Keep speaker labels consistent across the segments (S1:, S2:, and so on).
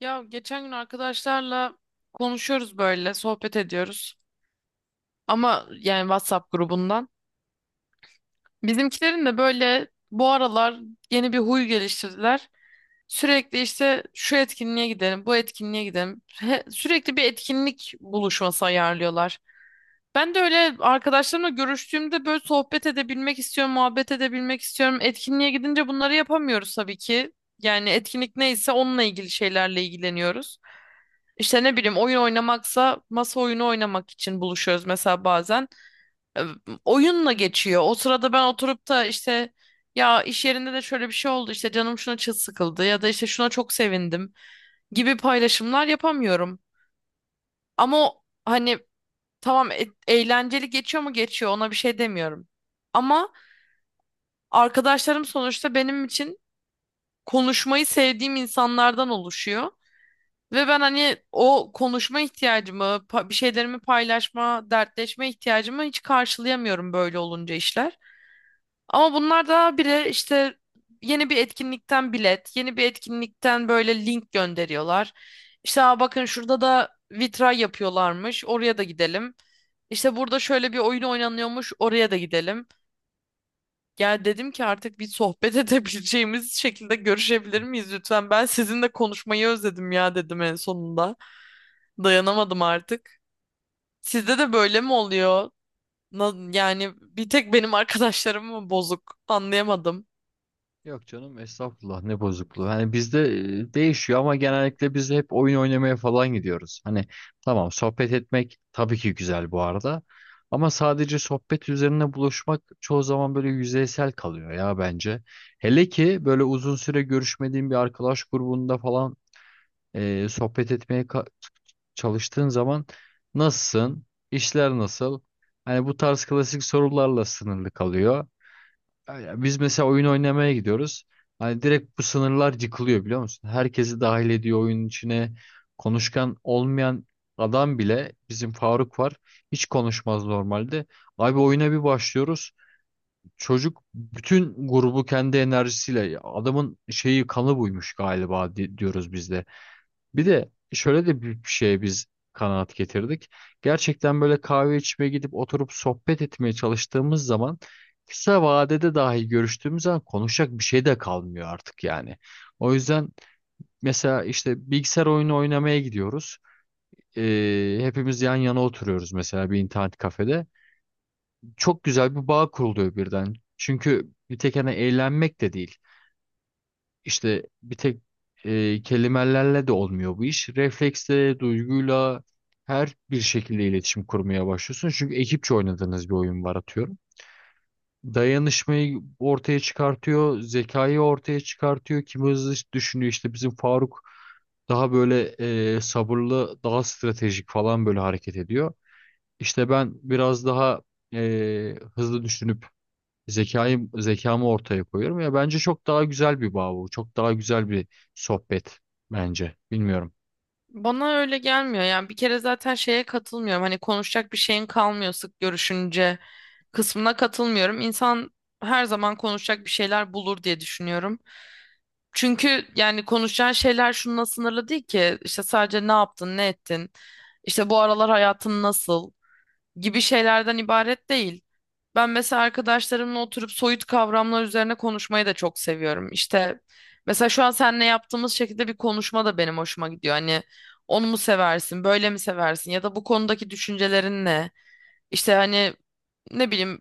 S1: Ya geçen gün arkadaşlarla konuşuyoruz böyle, sohbet ediyoruz. Ama yani WhatsApp grubundan. Bizimkilerin de böyle bu aralar yeni bir huy geliştirdiler. Sürekli işte şu etkinliğe gidelim, bu etkinliğe gidelim. Sürekli bir etkinlik buluşması ayarlıyorlar. Ben de öyle arkadaşlarımla görüştüğümde böyle sohbet edebilmek istiyorum, muhabbet edebilmek istiyorum. Etkinliğe gidince bunları yapamıyoruz tabii ki. Yani etkinlik neyse onunla ilgili şeylerle ilgileniyoruz. İşte ne bileyim oyun oynamaksa masa oyunu oynamak için buluşuyoruz mesela bazen. E, Oyunla geçiyor. O sırada ben oturup da işte ya iş yerinde de şöyle bir şey oldu işte canım şuna çok sıkıldı ya da işte şuna çok sevindim gibi paylaşımlar yapamıyorum. Ama o, hani tamam eğlenceli geçiyor mu geçiyor, ona bir şey demiyorum. Ama arkadaşlarım sonuçta benim için konuşmayı sevdiğim insanlardan oluşuyor. Ve ben hani o konuşma ihtiyacımı, bir şeylerimi paylaşma, dertleşme ihtiyacımı hiç karşılayamıyorum böyle olunca işler. Ama bunlar da bile işte yeni bir etkinlikten bilet, yeni bir etkinlikten böyle link gönderiyorlar. İşte "Aa, bakın şurada da vitray yapıyorlarmış, oraya da gidelim. İşte burada şöyle bir oyun oynanıyormuş, oraya da gidelim." Ya dedim ki artık bir sohbet edebileceğimiz şekilde görüşebilir miyiz lütfen? Ben sizinle konuşmayı özledim ya dedim en sonunda. Dayanamadım artık. Sizde de böyle mi oluyor? Yani bir tek benim arkadaşlarım mı bozuk? Anlayamadım.
S2: Yok canım estağfurullah ne bozukluğu. Hani bizde değişiyor ama genellikle biz hep oyun oynamaya falan gidiyoruz. Hani tamam, sohbet etmek tabii ki güzel bu arada. Ama sadece sohbet üzerine buluşmak çoğu zaman böyle yüzeysel kalıyor ya bence. Hele ki böyle uzun süre görüşmediğin bir arkadaş grubunda falan sohbet etmeye çalıştığın zaman nasılsın? İşler nasıl? Hani bu tarz klasik sorularla sınırlı kalıyor. Öyle. Biz mesela oyun oynamaya gidiyoruz. Hani direkt bu sınırlar yıkılıyor biliyor musun? Herkesi dahil ediyor oyunun içine. Konuşkan olmayan adam bile, bizim Faruk var. Hiç konuşmaz normalde. Abi oyuna bir başlıyoruz. Çocuk bütün grubu kendi enerjisiyle, adamın şeyi kanı buymuş galiba diyoruz biz de. Bir de şöyle de bir şeye biz kanaat getirdik. Gerçekten böyle kahve içmeye gidip oturup sohbet etmeye çalıştığımız zaman, kısa vadede dahi görüştüğümüz zaman konuşacak bir şey de kalmıyor artık yani. O yüzden mesela işte bilgisayar oyunu oynamaya gidiyoruz. Hepimiz yan yana oturuyoruz mesela, bir internet kafede. Çok güzel bir bağ kuruluyor birden. Çünkü bir tek hani eğlenmek de değil. İşte bir tek kelimelerle de olmuyor bu iş. Refleksle, duyguyla her bir şekilde iletişim kurmaya başlıyorsun. Çünkü ekipçe oynadığınız bir oyun var atıyorum. Dayanışmayı ortaya çıkartıyor, zekayı ortaya çıkartıyor. Kim hızlı düşünüyor, işte bizim Faruk daha böyle sabırlı, daha stratejik falan böyle hareket ediyor. İşte ben biraz daha hızlı düşünüp zekamı ortaya koyuyorum. Ya bence çok daha güzel bir bağ bu. Çok daha güzel bir sohbet bence. Bilmiyorum.
S1: Bana öyle gelmiyor. Yani bir kere zaten şeye katılmıyorum. Hani konuşacak bir şeyin kalmıyor sık görüşünce kısmına katılmıyorum. İnsan her zaman konuşacak bir şeyler bulur diye düşünüyorum. Çünkü yani konuşacağın şeyler şununla sınırlı değil ki. İşte sadece ne yaptın, ne ettin, işte bu aralar hayatın nasıl gibi şeylerden ibaret değil. Ben mesela arkadaşlarımla oturup soyut kavramlar üzerine konuşmayı da çok seviyorum. İşte mesela şu an seninle yaptığımız şekilde bir konuşma da benim hoşuma gidiyor. Hani onu mu seversin, böyle mi seversin ya da bu konudaki düşüncelerin ne? İşte hani ne bileyim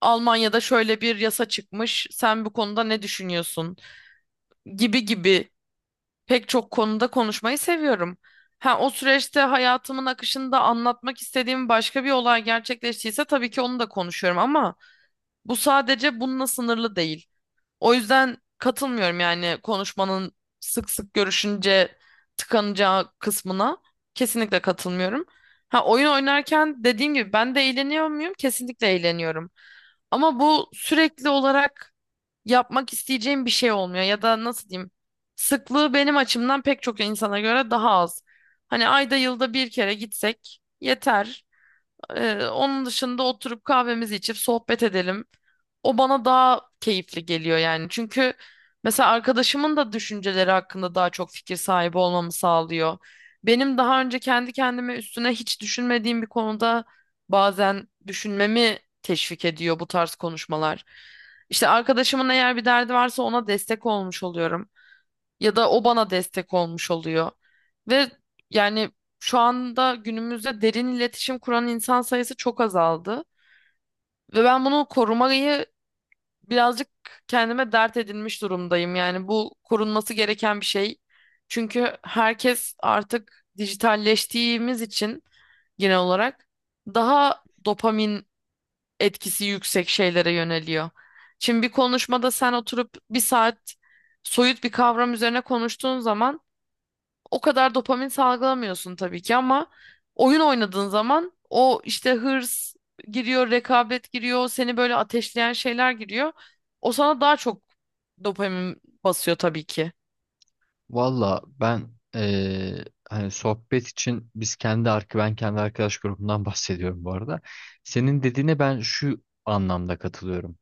S1: Almanya'da şöyle bir yasa çıkmış, sen bu konuda ne düşünüyorsun gibi gibi. Pek çok konuda konuşmayı seviyorum. Ha, o süreçte hayatımın akışında anlatmak istediğim başka bir olay gerçekleştiyse tabii ki onu da konuşuyorum ama bu sadece bununla sınırlı değil. O yüzden katılmıyorum yani konuşmanın sık sık görüşünce tıkanacağı kısmına kesinlikle katılmıyorum. Ha, oyun oynarken dediğim gibi ben de eğleniyor muyum? Kesinlikle eğleniyorum. Ama bu sürekli olarak yapmak isteyeceğim bir şey olmuyor ya da nasıl diyeyim? Sıklığı benim açımdan pek çok insana göre daha az. Hani ayda yılda bir kere gitsek yeter. Onun dışında oturup kahvemizi içip sohbet edelim. O bana daha keyifli geliyor yani. Çünkü mesela arkadaşımın da düşünceleri hakkında daha çok fikir sahibi olmamı sağlıyor. Benim daha önce kendi kendime üstüne hiç düşünmediğim bir konuda bazen düşünmemi teşvik ediyor bu tarz konuşmalar. İşte arkadaşımın eğer bir derdi varsa ona destek olmuş oluyorum ya da o bana destek olmuş oluyor. Ve yani şu anda günümüzde derin iletişim kuran insan sayısı çok azaldı ve ben bunu korumayı birazcık kendime dert edinmiş durumdayım. Yani bu korunması gereken bir şey. Çünkü herkes artık dijitalleştiğimiz için genel olarak daha dopamin etkisi yüksek şeylere yöneliyor. Şimdi bir konuşmada sen oturup bir saat soyut bir kavram üzerine konuştuğun zaman o kadar dopamin salgılamıyorsun tabii ki ama oyun oynadığın zaman o işte hırs giriyor, rekabet giriyor, seni böyle ateşleyen şeyler giriyor. O sana daha çok dopamin basıyor tabii ki.
S2: Valla ben hani sohbet için biz kendi ark ben kendi arkadaş grubundan bahsediyorum bu arada. Senin dediğine ben şu anlamda katılıyorum.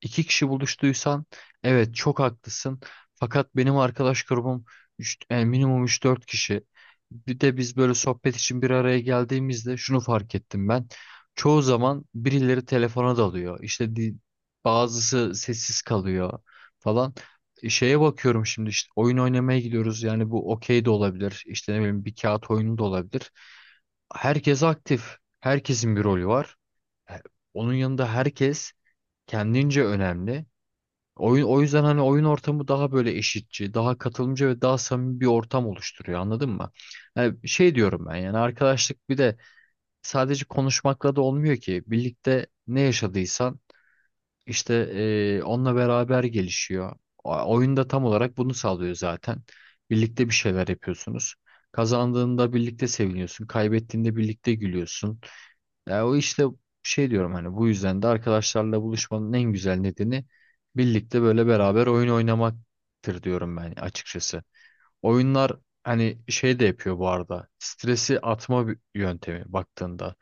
S2: İki kişi buluştuysan evet, çok haklısın. Fakat benim arkadaş grubum yani minimum üç dört kişi. Bir de biz böyle sohbet için bir araya geldiğimizde şunu fark ettim ben. Çoğu zaman birileri telefona dalıyor. İşte bazısı sessiz kalıyor falan. Şeye bakıyorum şimdi, işte oyun oynamaya gidiyoruz. Yani bu okey de olabilir. İşte ne bileyim, bir kağıt oyunu da olabilir. Herkes aktif. Herkesin bir rolü var. E, Onun yanında herkes kendince önemli. Oyun, o yüzden hani oyun ortamı daha böyle eşitçi, daha katılımcı ve daha samimi bir ortam oluşturuyor, anladın mı? Yani şey diyorum ben, yani arkadaşlık bir de sadece konuşmakla da olmuyor ki. Birlikte ne yaşadıysan işte onunla beraber gelişiyor. Oyun da tam olarak bunu sağlıyor zaten. Birlikte bir şeyler yapıyorsunuz. Kazandığında birlikte seviniyorsun, kaybettiğinde birlikte gülüyorsun. Ya o işte şey diyorum, hani bu yüzden de arkadaşlarla buluşmanın en güzel nedeni birlikte böyle beraber oyun oynamaktır diyorum ben açıkçası. Oyunlar hani şey de yapıyor bu arada. Stresi atma bir yöntemi baktığında.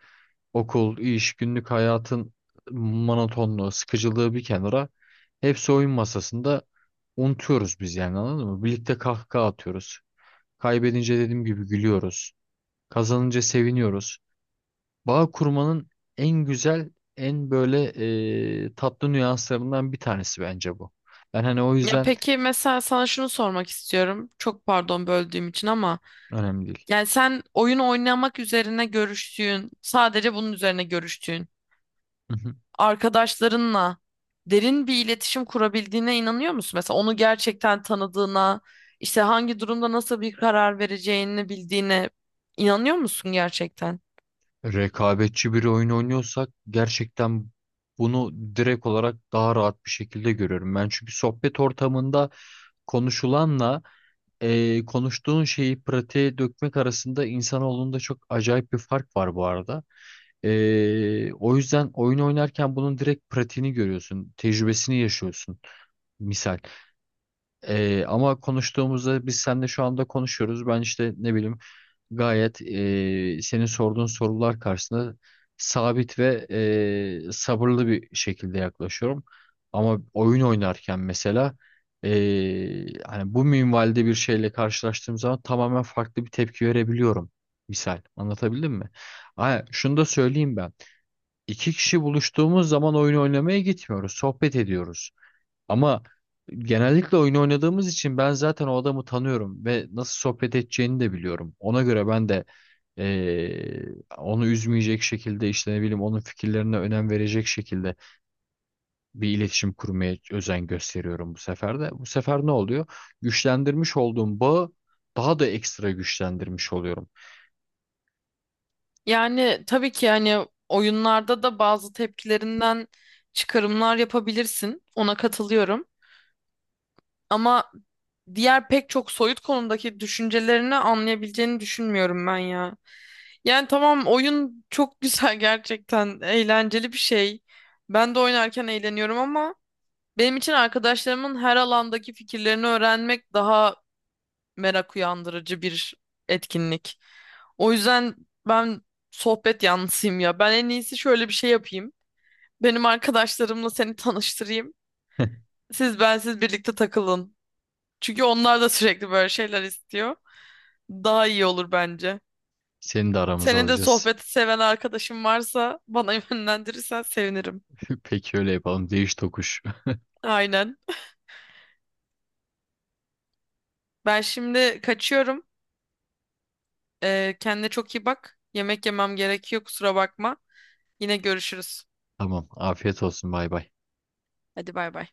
S2: Okul, iş, günlük hayatın monotonluğu, sıkıcılığı bir kenara, hepsi oyun masasında unutuyoruz biz yani, anladın mı? Birlikte kahkaha atıyoruz. Kaybedince dediğim gibi gülüyoruz. Kazanınca seviniyoruz. Bağ kurmanın en güzel, en böyle tatlı nüanslarından bir tanesi bence bu. Ben hani o
S1: Ya
S2: yüzden
S1: peki mesela sana şunu sormak istiyorum. Çok pardon böldüğüm için ama
S2: önemli değil.
S1: yani sen oyun oynamak üzerine görüştüğün, sadece bunun üzerine görüştüğün
S2: Hı hı.
S1: arkadaşlarınla derin bir iletişim kurabildiğine inanıyor musun? Mesela onu gerçekten tanıdığına, işte hangi durumda nasıl bir karar vereceğini bildiğine inanıyor musun gerçekten?
S2: Rekabetçi bir oyun oynuyorsak gerçekten bunu direkt olarak daha rahat bir şekilde görüyorum. Ben çünkü sohbet ortamında konuşulanla konuştuğun şeyi pratiğe dökmek arasında insanoğlunda çok acayip bir fark var bu arada. O yüzden oyun oynarken bunun direkt pratiğini görüyorsun, tecrübesini yaşıyorsun. Misal. Ama konuştuğumuzda, biz seninle şu anda konuşuyoruz. Ben işte ne bileyim gayet senin sorduğun sorular karşısında sabit ve sabırlı bir şekilde yaklaşıyorum. Ama oyun oynarken mesela hani bu minvalde bir şeyle karşılaştığım zaman tamamen farklı bir tepki verebiliyorum. Misal. Anlatabildim mi? Ha, şunu da söyleyeyim ben. İki kişi buluştuğumuz zaman oyun oynamaya gitmiyoruz. Sohbet ediyoruz. Ama genellikle oyun oynadığımız için ben zaten o adamı tanıyorum ve nasıl sohbet edeceğini de biliyorum. Ona göre ben de eee, onu üzmeyecek şekilde, işte ne bileyim onun fikirlerine önem verecek şekilde bir iletişim kurmaya özen gösteriyorum bu sefer de. Bu sefer ne oluyor? Güçlendirmiş olduğum bağı daha da ekstra güçlendirmiş oluyorum.
S1: Yani tabii ki hani oyunlarda da bazı tepkilerinden çıkarımlar yapabilirsin. Ona katılıyorum. Ama diğer pek çok soyut konudaki düşüncelerini anlayabileceğini düşünmüyorum ben ya. Yani tamam, oyun çok güzel, gerçekten eğlenceli bir şey. Ben de oynarken eğleniyorum ama benim için arkadaşlarımın her alandaki fikirlerini öğrenmek daha merak uyandırıcı bir etkinlik. O yüzden ben sohbet yanlısıyım ya. Ben en iyisi şöyle bir şey yapayım. Benim arkadaşlarımla seni tanıştırayım. Siz bensiz birlikte takılın. Çünkü onlar da sürekli böyle şeyler istiyor. Daha iyi olur bence.
S2: Seni de aramıza
S1: Senin de
S2: alacağız.
S1: sohbeti seven arkadaşın varsa bana yönlendirirsen sevinirim.
S2: Peki, öyle yapalım. Değiş tokuş.
S1: Aynen. Ben şimdi kaçıyorum. Kendine çok iyi bak. Yemek yemem gerekiyor, kusura bakma. Yine görüşürüz.
S2: Tamam. Afiyet olsun. Bay bay.
S1: Hadi bay bay.